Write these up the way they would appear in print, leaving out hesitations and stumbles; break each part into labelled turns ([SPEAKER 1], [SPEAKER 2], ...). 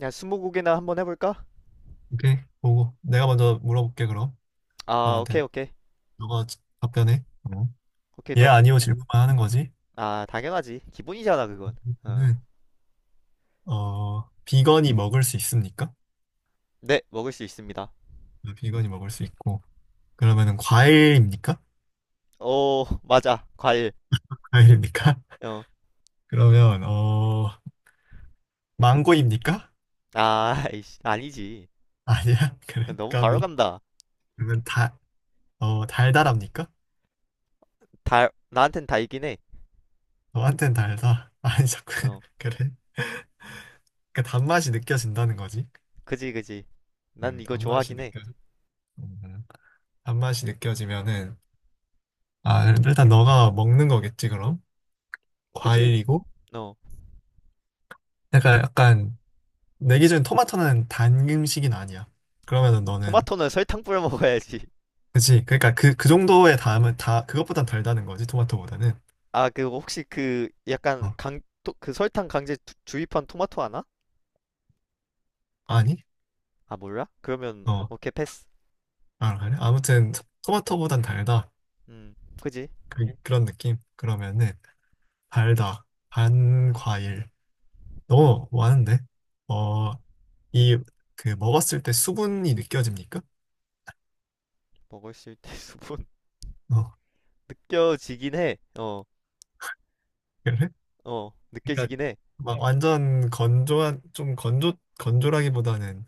[SPEAKER 1] 야, 스무고개나 한번 해볼까?
[SPEAKER 2] 오케이, 보고. 내가 먼저 물어볼게, 그럼.
[SPEAKER 1] 아,
[SPEAKER 2] 너한테.
[SPEAKER 1] 오케이, 오케이.
[SPEAKER 2] 너가 답변해. 어.
[SPEAKER 1] 오케이,
[SPEAKER 2] 예,
[SPEAKER 1] 너.
[SPEAKER 2] 아니요 질문만 하는 거지.
[SPEAKER 1] 아, 당연하지. 기본이잖아, 그건. 어.
[SPEAKER 2] 그러면은, 어, 비건이 먹을 수 있습니까?
[SPEAKER 1] 네, 먹을 수 있습니다.
[SPEAKER 2] 어, 비건이 먹을 수 있고. 그러면은 과일입니까?
[SPEAKER 1] 오, 맞아. 과일.
[SPEAKER 2] 과일입니까?
[SPEAKER 1] 어.
[SPEAKER 2] 그러면, 어, 망고입니까?
[SPEAKER 1] 아, 이씨, 아니지.
[SPEAKER 2] 아니야. 그래,
[SPEAKER 1] 너무 바로
[SPEAKER 2] 까비.
[SPEAKER 1] 간다.
[SPEAKER 2] 그러면 달달합니까?
[SPEAKER 1] 다, 나한텐 다 이긴 해.
[SPEAKER 2] 너한텐 달다. 아니, 자꾸,
[SPEAKER 1] 어.
[SPEAKER 2] 그래. 그러니까 단맛이 느껴진다는 거지.
[SPEAKER 1] 그지, 그지. 난 이거
[SPEAKER 2] 단맛이
[SPEAKER 1] 좋아하긴 해.
[SPEAKER 2] 느껴져. 음, 단맛이 느껴지면은, 아, 그럼 일단 너가 먹는 거겠지, 그럼?
[SPEAKER 1] 그지?
[SPEAKER 2] 과일이고?
[SPEAKER 1] 어.
[SPEAKER 2] 약간, 약간, 내 기준 토마토는 단 음식은 아니야. 그러면은 너는,
[SPEAKER 1] 토마토는 설탕 뿌려 먹어야지.
[SPEAKER 2] 그치? 그러니까 그, 그 정도의 담은 다, 그것보단 달다는 거지, 토마토보다는.
[SPEAKER 1] 아, 그, 혹시 그, 약간
[SPEAKER 2] 어,
[SPEAKER 1] 강, 토, 그 설탕 강제 주입한 토마토 하나?
[SPEAKER 2] 아니?
[SPEAKER 1] 아, 몰라? 그러면,
[SPEAKER 2] 어,
[SPEAKER 1] 오케이, 패스.
[SPEAKER 2] 아, 그래? 아무튼, 토마토보단 달다.
[SPEAKER 1] 음, 그지?
[SPEAKER 2] 그, 그런 느낌? 그러면은, 달다. 반 과일. 너무 많은데? 어, 이, 그, 먹었을 때 수분이 느껴집니까?
[SPEAKER 1] 먹을 수 있대, 수분.
[SPEAKER 2] 어,
[SPEAKER 1] 느껴지긴 해. 어,
[SPEAKER 2] 그래? 그러니까
[SPEAKER 1] 느껴지긴 해.
[SPEAKER 2] 막 완전 건조한 좀 건조 건조라기보다는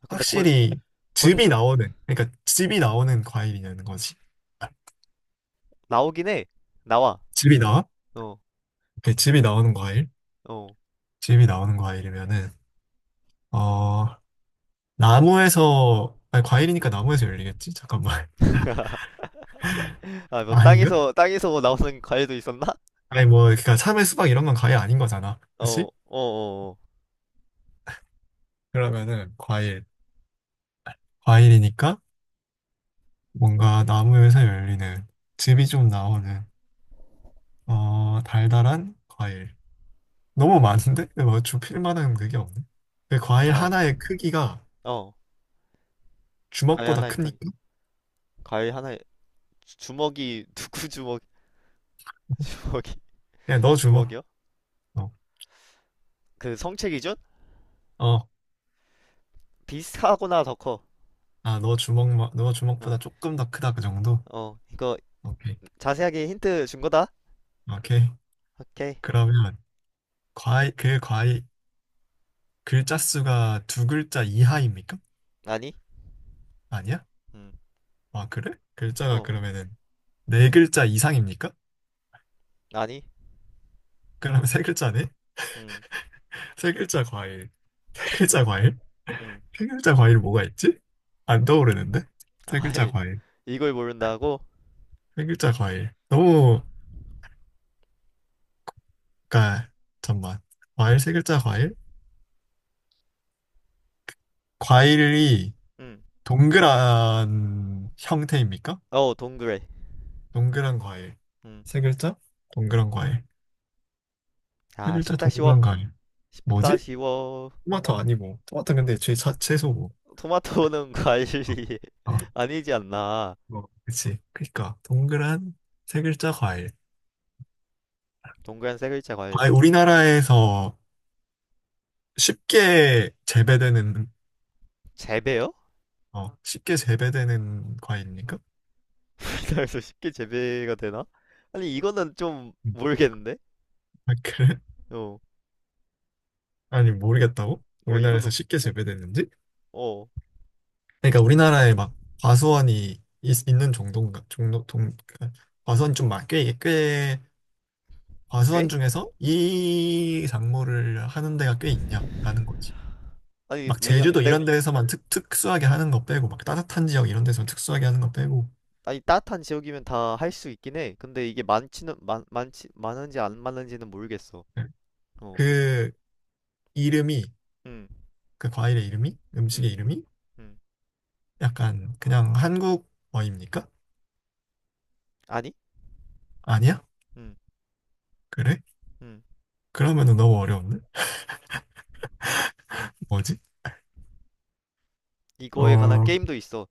[SPEAKER 1] 아, 근데 건,
[SPEAKER 2] 확실히 즙이
[SPEAKER 1] 건주,
[SPEAKER 2] 나오는 그러니까 즙이 나오는 과일이냐는 거지. 아,
[SPEAKER 1] 나오긴 해. 나와.
[SPEAKER 2] 즙이 나와?
[SPEAKER 1] 어,
[SPEAKER 2] 이렇게 즙이 나오는 과일?
[SPEAKER 1] 어.
[SPEAKER 2] 즙이 나오는 과일이면은 어 나무에서 아니 과일이니까 나무에서 열리겠지? 잠깐만
[SPEAKER 1] 아, 뭐,
[SPEAKER 2] 아닌가?
[SPEAKER 1] 땅에서 뭐 나오는 과일도 있었나?
[SPEAKER 2] 아니 뭐 그러니까 참외 수박 이런 건 과일 아닌 거잖아.
[SPEAKER 1] 어,
[SPEAKER 2] 그렇지?
[SPEAKER 1] 어.
[SPEAKER 2] 그러면은 과일 과일이니까 뭔가 나무에서 열리는 즙이 좀 나오는 어 달달한 과일. 너무 많은데? 뭐 좁힐 만한 그게 없네. 그 과일
[SPEAKER 1] 아,
[SPEAKER 2] 하나의 크기가
[SPEAKER 1] 어. 과일
[SPEAKER 2] 주먹보다
[SPEAKER 1] 하나에,
[SPEAKER 2] 크니까?
[SPEAKER 1] 과일 하나에, 주먹이, 누구 주먹, 주먹이,
[SPEAKER 2] 그냥 너 주먹.
[SPEAKER 1] 주먹이요?
[SPEAKER 2] 어,
[SPEAKER 1] 그 성체 기준?
[SPEAKER 2] 어.
[SPEAKER 1] 비슷하거나 더 커.
[SPEAKER 2] 아, 너 주먹, 너
[SPEAKER 1] 어,
[SPEAKER 2] 주먹보다 조금 더 크다, 그 정도?
[SPEAKER 1] 어. 이거
[SPEAKER 2] 오케이.
[SPEAKER 1] 자세하게 힌트 준 거다?
[SPEAKER 2] 오케이.
[SPEAKER 1] 오케이.
[SPEAKER 2] 그러면, 과일, 그 과일, 글자 수가 두 글자 이하입니까?
[SPEAKER 1] 아니?
[SPEAKER 2] 아니야?
[SPEAKER 1] 음,
[SPEAKER 2] 아, 그래? 글자가
[SPEAKER 1] 어,
[SPEAKER 2] 그러면은 네 글자 이상입니까?
[SPEAKER 1] 아니?
[SPEAKER 2] 그러면 세 글자네?
[SPEAKER 1] 음,
[SPEAKER 2] 세 글자 과일. 세 글자 과일?
[SPEAKER 1] 음.
[SPEAKER 2] 세 글자 과일 뭐가 있지? 안 떠오르는데? 세
[SPEAKER 1] 아,
[SPEAKER 2] 글자 과일.
[SPEAKER 1] 이걸 모른다고?
[SPEAKER 2] 세 글자 과일. 너무 그러니까 잠깐만. 과일 세 글자 과일? 과일이
[SPEAKER 1] 응.
[SPEAKER 2] 동그란 형태입니까?
[SPEAKER 1] 어, 동그래.
[SPEAKER 2] 동그란 과일.
[SPEAKER 1] 응.
[SPEAKER 2] 세 글자? 동그란 과일. 세
[SPEAKER 1] 아,
[SPEAKER 2] 글자
[SPEAKER 1] 쉽다 쉬워.
[SPEAKER 2] 동그란 과일.
[SPEAKER 1] 쉽다
[SPEAKER 2] 뭐지?
[SPEAKER 1] 쉬워.
[SPEAKER 2] 토마토 아니고. 토마토 근데 채소고.
[SPEAKER 1] 토마토는
[SPEAKER 2] 어,
[SPEAKER 1] 과일이
[SPEAKER 2] 어,
[SPEAKER 1] 아니지 않나.
[SPEAKER 2] 뭐, 그치. 그러니까 동그란 세 글자 과일.
[SPEAKER 1] 동그란 세 글자 과일.
[SPEAKER 2] 과일 우리나라에서 쉽게 재배되는
[SPEAKER 1] 재배요?
[SPEAKER 2] 어, 쉽게 재배되는 과일입니까?
[SPEAKER 1] 우리나라에서 쉽게 재배가 되나? 아니, 이거는 좀
[SPEAKER 2] 음.
[SPEAKER 1] 모르겠는데?
[SPEAKER 2] 아, 그래?
[SPEAKER 1] 어,
[SPEAKER 2] 아니 모르겠다고?
[SPEAKER 1] 어,
[SPEAKER 2] 우리나라에서
[SPEAKER 1] 이거는,
[SPEAKER 2] 쉽게 재배되는지?
[SPEAKER 1] 어,
[SPEAKER 2] 그러니까 우리나라에 막 과수원이 있는 정도인가 정도 동 그러니까 과수원 좀많꽤꽤
[SPEAKER 1] 꽤?
[SPEAKER 2] 과수원 중에서 이 작물을 하는 데가 꽤 있냐라는 거지.
[SPEAKER 1] 아니,
[SPEAKER 2] 막
[SPEAKER 1] 왜냐면
[SPEAKER 2] 제주도
[SPEAKER 1] 내가,
[SPEAKER 2] 이런 데에서만 특수하게 하는 거 빼고 막 따뜻한 지역 이런 데서 특수하게 하는 거 빼고
[SPEAKER 1] 아니, 따뜻한 지역이면 다 할 수 있긴 해. 근데 이게 많지는, 많은지 안 많은지는 모르겠어.
[SPEAKER 2] 네.
[SPEAKER 1] 어,
[SPEAKER 2] 그 이름이
[SPEAKER 1] 응,
[SPEAKER 2] 그 과일의 이름이
[SPEAKER 1] 응,
[SPEAKER 2] 음식의 이름이
[SPEAKER 1] 응.
[SPEAKER 2] 약간 그냥 한국어입니까?
[SPEAKER 1] 아니?
[SPEAKER 2] 아니야?
[SPEAKER 1] 응,
[SPEAKER 2] 그래?
[SPEAKER 1] 응.
[SPEAKER 2] 그러면은 너무 어려운데? 뭐지? 어
[SPEAKER 1] 이거에 관한 게임도 있어.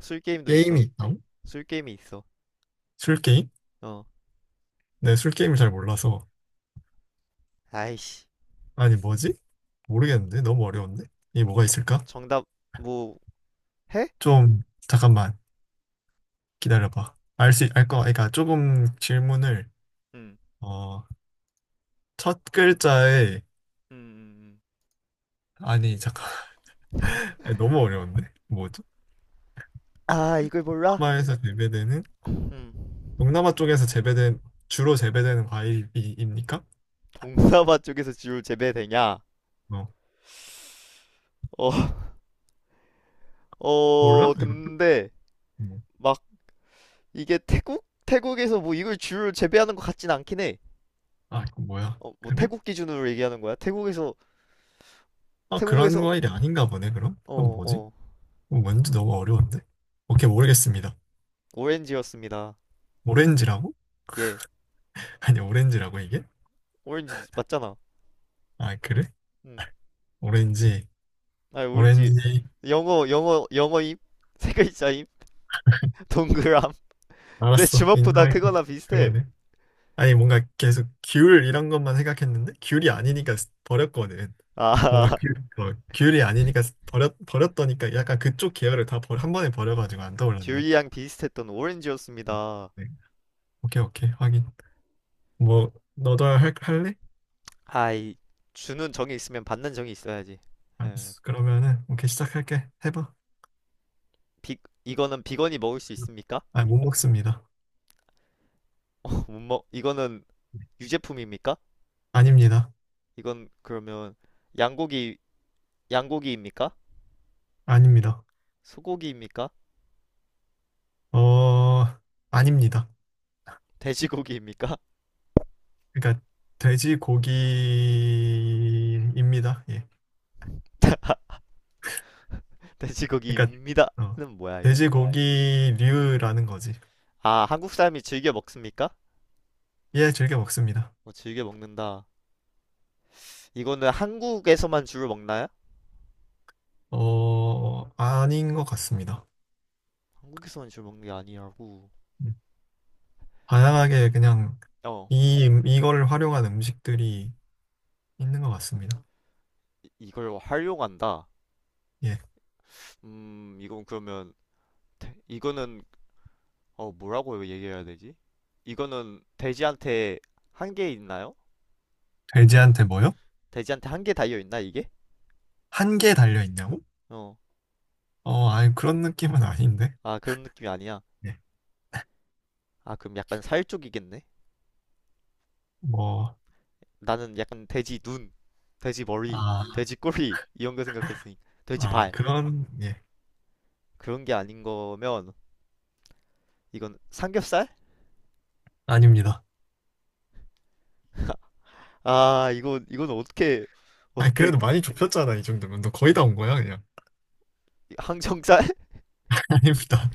[SPEAKER 1] 술 게임도
[SPEAKER 2] 게임이
[SPEAKER 1] 있어.
[SPEAKER 2] 있다술
[SPEAKER 1] 술 게임이 있어.
[SPEAKER 2] 게임?
[SPEAKER 1] 어.
[SPEAKER 2] 네, 술 게임을 잘 몰라서
[SPEAKER 1] 아이씨.
[SPEAKER 2] 아니, 뭐지? 모르겠는데? 너무 어려운데? 이게 뭐가
[SPEAKER 1] 저,
[SPEAKER 2] 있을까?
[SPEAKER 1] 정답 뭐 해?
[SPEAKER 2] 좀, 잠깐만, 기다려봐. 알 수, 알 거, 그러니까 조금 질문을,
[SPEAKER 1] 응.
[SPEAKER 2] 어, 첫 글자에,
[SPEAKER 1] 음, 음, 음,
[SPEAKER 2] 아니, 잠깐, 아니, 너무 어려운데? 뭐죠?
[SPEAKER 1] 아, 이걸 몰라?
[SPEAKER 2] 동남아에서 재배되는, 동남아 쪽에서 재배된, 주로 재배되는 과일입니까?
[SPEAKER 1] 동사바 쪽에서 지울 재배되냐?
[SPEAKER 2] 어,
[SPEAKER 1] 어. 어,
[SPEAKER 2] 몰라? 이것도?
[SPEAKER 1] 근데
[SPEAKER 2] 뭐.
[SPEAKER 1] 막 이게 태국에서 뭐 이걸 지울 재배하는 것 같진 않긴 해.
[SPEAKER 2] 아, 이거 뭐야?
[SPEAKER 1] 어, 뭐
[SPEAKER 2] 그래?
[SPEAKER 1] 태국 기준으로 얘기하는 거야?
[SPEAKER 2] 아, 그런
[SPEAKER 1] 태국에서
[SPEAKER 2] 과일이 아닌가 보네, 그럼? 그럼
[SPEAKER 1] 어,
[SPEAKER 2] 뭐지?
[SPEAKER 1] 어.
[SPEAKER 2] 그럼 뭔지 너무 어려운데? 오케이, 모르겠습니다.
[SPEAKER 1] 오렌지였습니다.
[SPEAKER 2] 오렌지라고?
[SPEAKER 1] 예.
[SPEAKER 2] 아니, 오렌지라고, 이게?
[SPEAKER 1] 오렌지 맞잖아.
[SPEAKER 2] 아, 그래?
[SPEAKER 1] 응.
[SPEAKER 2] 오렌지,
[SPEAKER 1] 아, 오렌지.
[SPEAKER 2] 오렌지,
[SPEAKER 1] 영어임. 세 글자임. 동그람. 내
[SPEAKER 2] 알았어,
[SPEAKER 1] 주먹보다
[SPEAKER 2] 인정할게.
[SPEAKER 1] 크거나 비슷해.
[SPEAKER 2] 그러네. 아니, 뭔가 계속 귤 이런 것만 생각했는데, 귤이 아니니까 버렸거든. 뭔가
[SPEAKER 1] 아,
[SPEAKER 2] 귤, 어, 귤이 아니니까 버렸더니까 약간 그쪽 계열을 다 한 번에 버려가지고 안 떠올랐네.
[SPEAKER 1] 귤이랑 비슷했던 오렌지였습니다.
[SPEAKER 2] 네. 오케이, 오케이, 확인. 뭐, 너도 할, 할래?
[SPEAKER 1] 아이, 주는 정이 있으면 받는 정이 있어야지. 예.
[SPEAKER 2] 알았어. 그러면은, 오케이, 시작할게. 해봐.
[SPEAKER 1] 비, 이거는 비건이 먹을 수 있습니까?
[SPEAKER 2] 아, 못 먹습니다.
[SPEAKER 1] 못 먹, 이거는 유제품입니까?
[SPEAKER 2] 아닙니다.
[SPEAKER 1] 이건 그러면 양고기, 양고기입니까?
[SPEAKER 2] 아닙니다.
[SPEAKER 1] 소고기입니까?
[SPEAKER 2] 어, 아닙니다.
[SPEAKER 1] 돼지고기입니까?
[SPEAKER 2] 그러니까 돼지고기입니다. 예. 그러니까
[SPEAKER 1] 돼지고기입니다.
[SPEAKER 2] 어, 아,
[SPEAKER 1] 는 뭐야, 이거.
[SPEAKER 2] 돼지고기류라는 거지.
[SPEAKER 1] 아, 한국 사람이 즐겨 먹습니까?
[SPEAKER 2] 예, 즐겨 먹습니다.
[SPEAKER 1] 어, 즐겨 먹는다. 이거는 한국에서만 주로 먹나요?
[SPEAKER 2] 어, 아닌 것 같습니다.
[SPEAKER 1] 한국에서만 주로 먹는 게 아니라고.
[SPEAKER 2] 음, 다양하게
[SPEAKER 1] 음.
[SPEAKER 2] 그냥
[SPEAKER 1] 어,
[SPEAKER 2] 이 이거를 활용한 음식들이 있는 것 같습니다.
[SPEAKER 1] 이걸 활용한다.
[SPEAKER 2] 예.
[SPEAKER 1] 이건 그러면 이거는 어 뭐라고 얘기해야 되지? 이거는 돼지한테 1개 있나요?
[SPEAKER 2] 돼지한테 뭐요?
[SPEAKER 1] 돼지한테 한 개 달려 있나 이게?
[SPEAKER 2] 한 개 달려 있냐고?
[SPEAKER 1] 어,
[SPEAKER 2] 어, 아니 그런 느낌은 아닌데.
[SPEAKER 1] 아 그런 느낌이 아니야.
[SPEAKER 2] 예.
[SPEAKER 1] 아 그럼 약간 살 쪽이겠네.
[SPEAKER 2] 뭐,
[SPEAKER 1] 나는 약간 돼지 눈, 돼지 머리,
[SPEAKER 2] 아,
[SPEAKER 1] 돼지 꼬리 이런 거 생각했으니 돼지
[SPEAKER 2] 아
[SPEAKER 1] 발
[SPEAKER 2] 그런 예,
[SPEAKER 1] 그런 게 아닌 거면 이건 삼겹살?
[SPEAKER 2] 아닙니다.
[SPEAKER 1] 아 이건 어떻게
[SPEAKER 2] 아니 그래도
[SPEAKER 1] 그
[SPEAKER 2] 많이 좁혔잖아 이 정도면 너 거의 다 온 거야 그냥.
[SPEAKER 1] 항정살?
[SPEAKER 2] 아닙니다.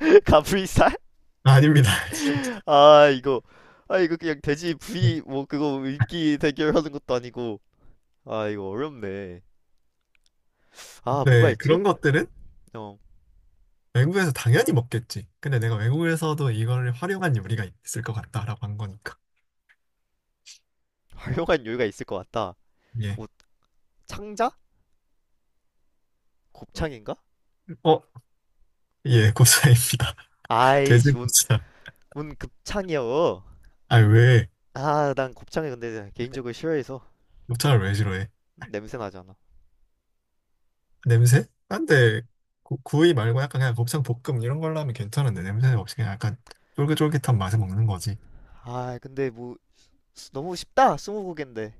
[SPEAKER 1] 가브리살?
[SPEAKER 2] 아닙니다. 진짜.
[SPEAKER 1] 아 이거 아 이거 그냥 돼지 부위 뭐 그거 입기 대결하는 것도 아니고 아 이거 어렵네 아 뭐가
[SPEAKER 2] 네,
[SPEAKER 1] 있지?
[SPEAKER 2] 그런 것들은
[SPEAKER 1] 어
[SPEAKER 2] 외국에서 당연히 먹겠지. 근데 내가 외국에서도 이걸 활용한 요리가 있을 것 같다라고 한 거니까.
[SPEAKER 1] 활용한 요리가 있을 것 같다
[SPEAKER 2] 예.
[SPEAKER 1] 뭐 창자?
[SPEAKER 2] 어,
[SPEAKER 1] 곱창인가?
[SPEAKER 2] 어, 예, 고사입니다. 돼지
[SPEAKER 1] 아이씨 뭔,
[SPEAKER 2] 고사.
[SPEAKER 1] 뭔 급창이여
[SPEAKER 2] 아, 왜?
[SPEAKER 1] 아 난 곱창이 근데 개인적으로 싫어해서
[SPEAKER 2] 곱창을 왜 싫어해?
[SPEAKER 1] 냄새 나잖아
[SPEAKER 2] 냄새?
[SPEAKER 1] 음.
[SPEAKER 2] 근데 구이 말고 약간 그냥 곱창 볶음 이런 걸로 하면 괜찮은데 냄새 없이 그냥 약간 쫄깃쫄깃한 맛에 먹는 거지.
[SPEAKER 1] 아 근데 뭐 너무 쉽다 스무고개인데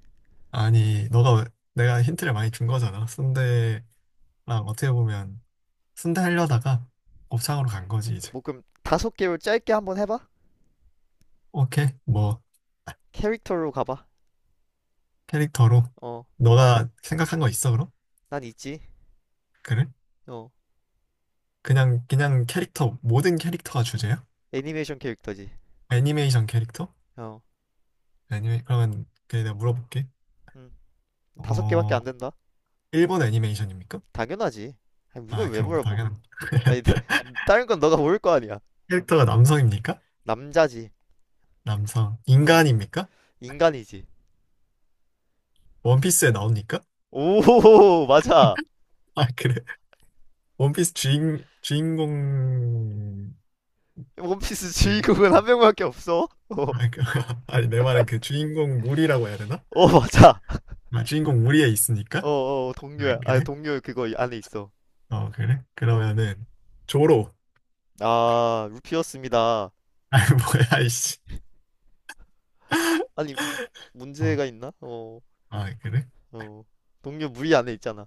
[SPEAKER 2] 아니, 너가 왜- 내가 힌트를 많이 준 거잖아. 순대랑 어떻게 보면 순대 하려다가 곱창으로 간 거지, 이제.
[SPEAKER 1] 뭐 그럼 다섯 개로 짧게 한번 해봐
[SPEAKER 2] 오케이, 뭐,
[SPEAKER 1] 캐릭터로 가봐
[SPEAKER 2] 캐릭터로.
[SPEAKER 1] 어
[SPEAKER 2] 너가 생각한 거 있어, 그럼?
[SPEAKER 1] 난 있지
[SPEAKER 2] 그래?
[SPEAKER 1] 어
[SPEAKER 2] 그냥, 그냥 캐릭터, 모든 캐릭터가 주제야?
[SPEAKER 1] 애니메이션 캐릭터지
[SPEAKER 2] 애니메이션 캐릭터?
[SPEAKER 1] 어
[SPEAKER 2] 애니메, 그러면, 그냥 내가 물어볼게.
[SPEAKER 1] 음. 다섯 개밖에
[SPEAKER 2] 어,
[SPEAKER 1] 안 된다?
[SPEAKER 2] 일본 애니메이션입니까?
[SPEAKER 1] 당연하지. 아니, 이걸
[SPEAKER 2] 아,
[SPEAKER 1] 왜
[SPEAKER 2] 그럼
[SPEAKER 1] 물어봐?
[SPEAKER 2] 당연한.
[SPEAKER 1] 아니, 다른 건 너가 모를 거 아니야.
[SPEAKER 2] 캐릭터가 남성입니까?
[SPEAKER 1] 남자지.
[SPEAKER 2] 남성.
[SPEAKER 1] 어,
[SPEAKER 2] 인간입니까?
[SPEAKER 1] 인간이지.
[SPEAKER 2] 원피스에 나옵니까?
[SPEAKER 1] 오, 맞아.
[SPEAKER 2] 아, 그래. 원피스 주인공,
[SPEAKER 1] 원피스
[SPEAKER 2] 그,
[SPEAKER 1] 주인공은 한 명밖에 없어. 어,
[SPEAKER 2] 아, 그, 아니, 내 말은 그 주인공 무리라고 해야 되나?
[SPEAKER 1] 맞아.
[SPEAKER 2] 아, 주인공 무리에 있으니까?
[SPEAKER 1] 어, 어,
[SPEAKER 2] 아,
[SPEAKER 1] 동료야. 아,
[SPEAKER 2] 그래?
[SPEAKER 1] 동료 그거 안에 있어.
[SPEAKER 2] 어, 그래?
[SPEAKER 1] 어,
[SPEAKER 2] 그러면은, 조로.
[SPEAKER 1] 아, 루피였습니다.
[SPEAKER 2] 아, 뭐야, 이씨.
[SPEAKER 1] 아니,
[SPEAKER 2] 어,
[SPEAKER 1] 문제가 있나? 어,
[SPEAKER 2] 아, 그래?
[SPEAKER 1] 어, 동료 무리 안에 있잖아.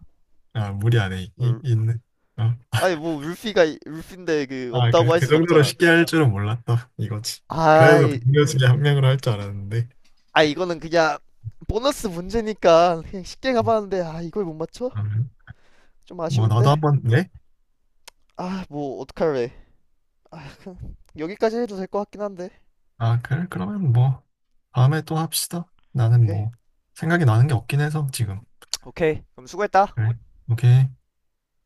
[SPEAKER 2] 아, 무리 안 해. 이,
[SPEAKER 1] 어,
[SPEAKER 2] 있는. 어.
[SPEAKER 1] 아니, 뭐, 루피인데 그,
[SPEAKER 2] 아, 그래?
[SPEAKER 1] 없다고 할
[SPEAKER 2] 그
[SPEAKER 1] 순
[SPEAKER 2] 정도로
[SPEAKER 1] 없잖아.
[SPEAKER 2] 쉽게 할 줄은 몰랐다. 이거지. 그래도
[SPEAKER 1] 아이,
[SPEAKER 2] 동료 중에 한 명으로 할 줄 알았는데.
[SPEAKER 1] 아 이거는 그냥 보너스 문제니까 그냥 쉽게
[SPEAKER 2] 음,
[SPEAKER 1] 가봤는데 아 이걸 못 맞춰?
[SPEAKER 2] 그러면
[SPEAKER 1] 좀
[SPEAKER 2] 뭐, 나도
[SPEAKER 1] 아쉬운데
[SPEAKER 2] 한번, 예?
[SPEAKER 1] 아 뭐 어떡할래 아 여기까지 해도 될 것 같긴 한데
[SPEAKER 2] 아, 그래? 그러면 뭐, 다음에 또 합시다. 나는
[SPEAKER 1] 오케이
[SPEAKER 2] 뭐, 생각이 나는 게 없긴 해서, 지금.
[SPEAKER 1] 오케이 그럼 수고했다
[SPEAKER 2] 그래? 오케이.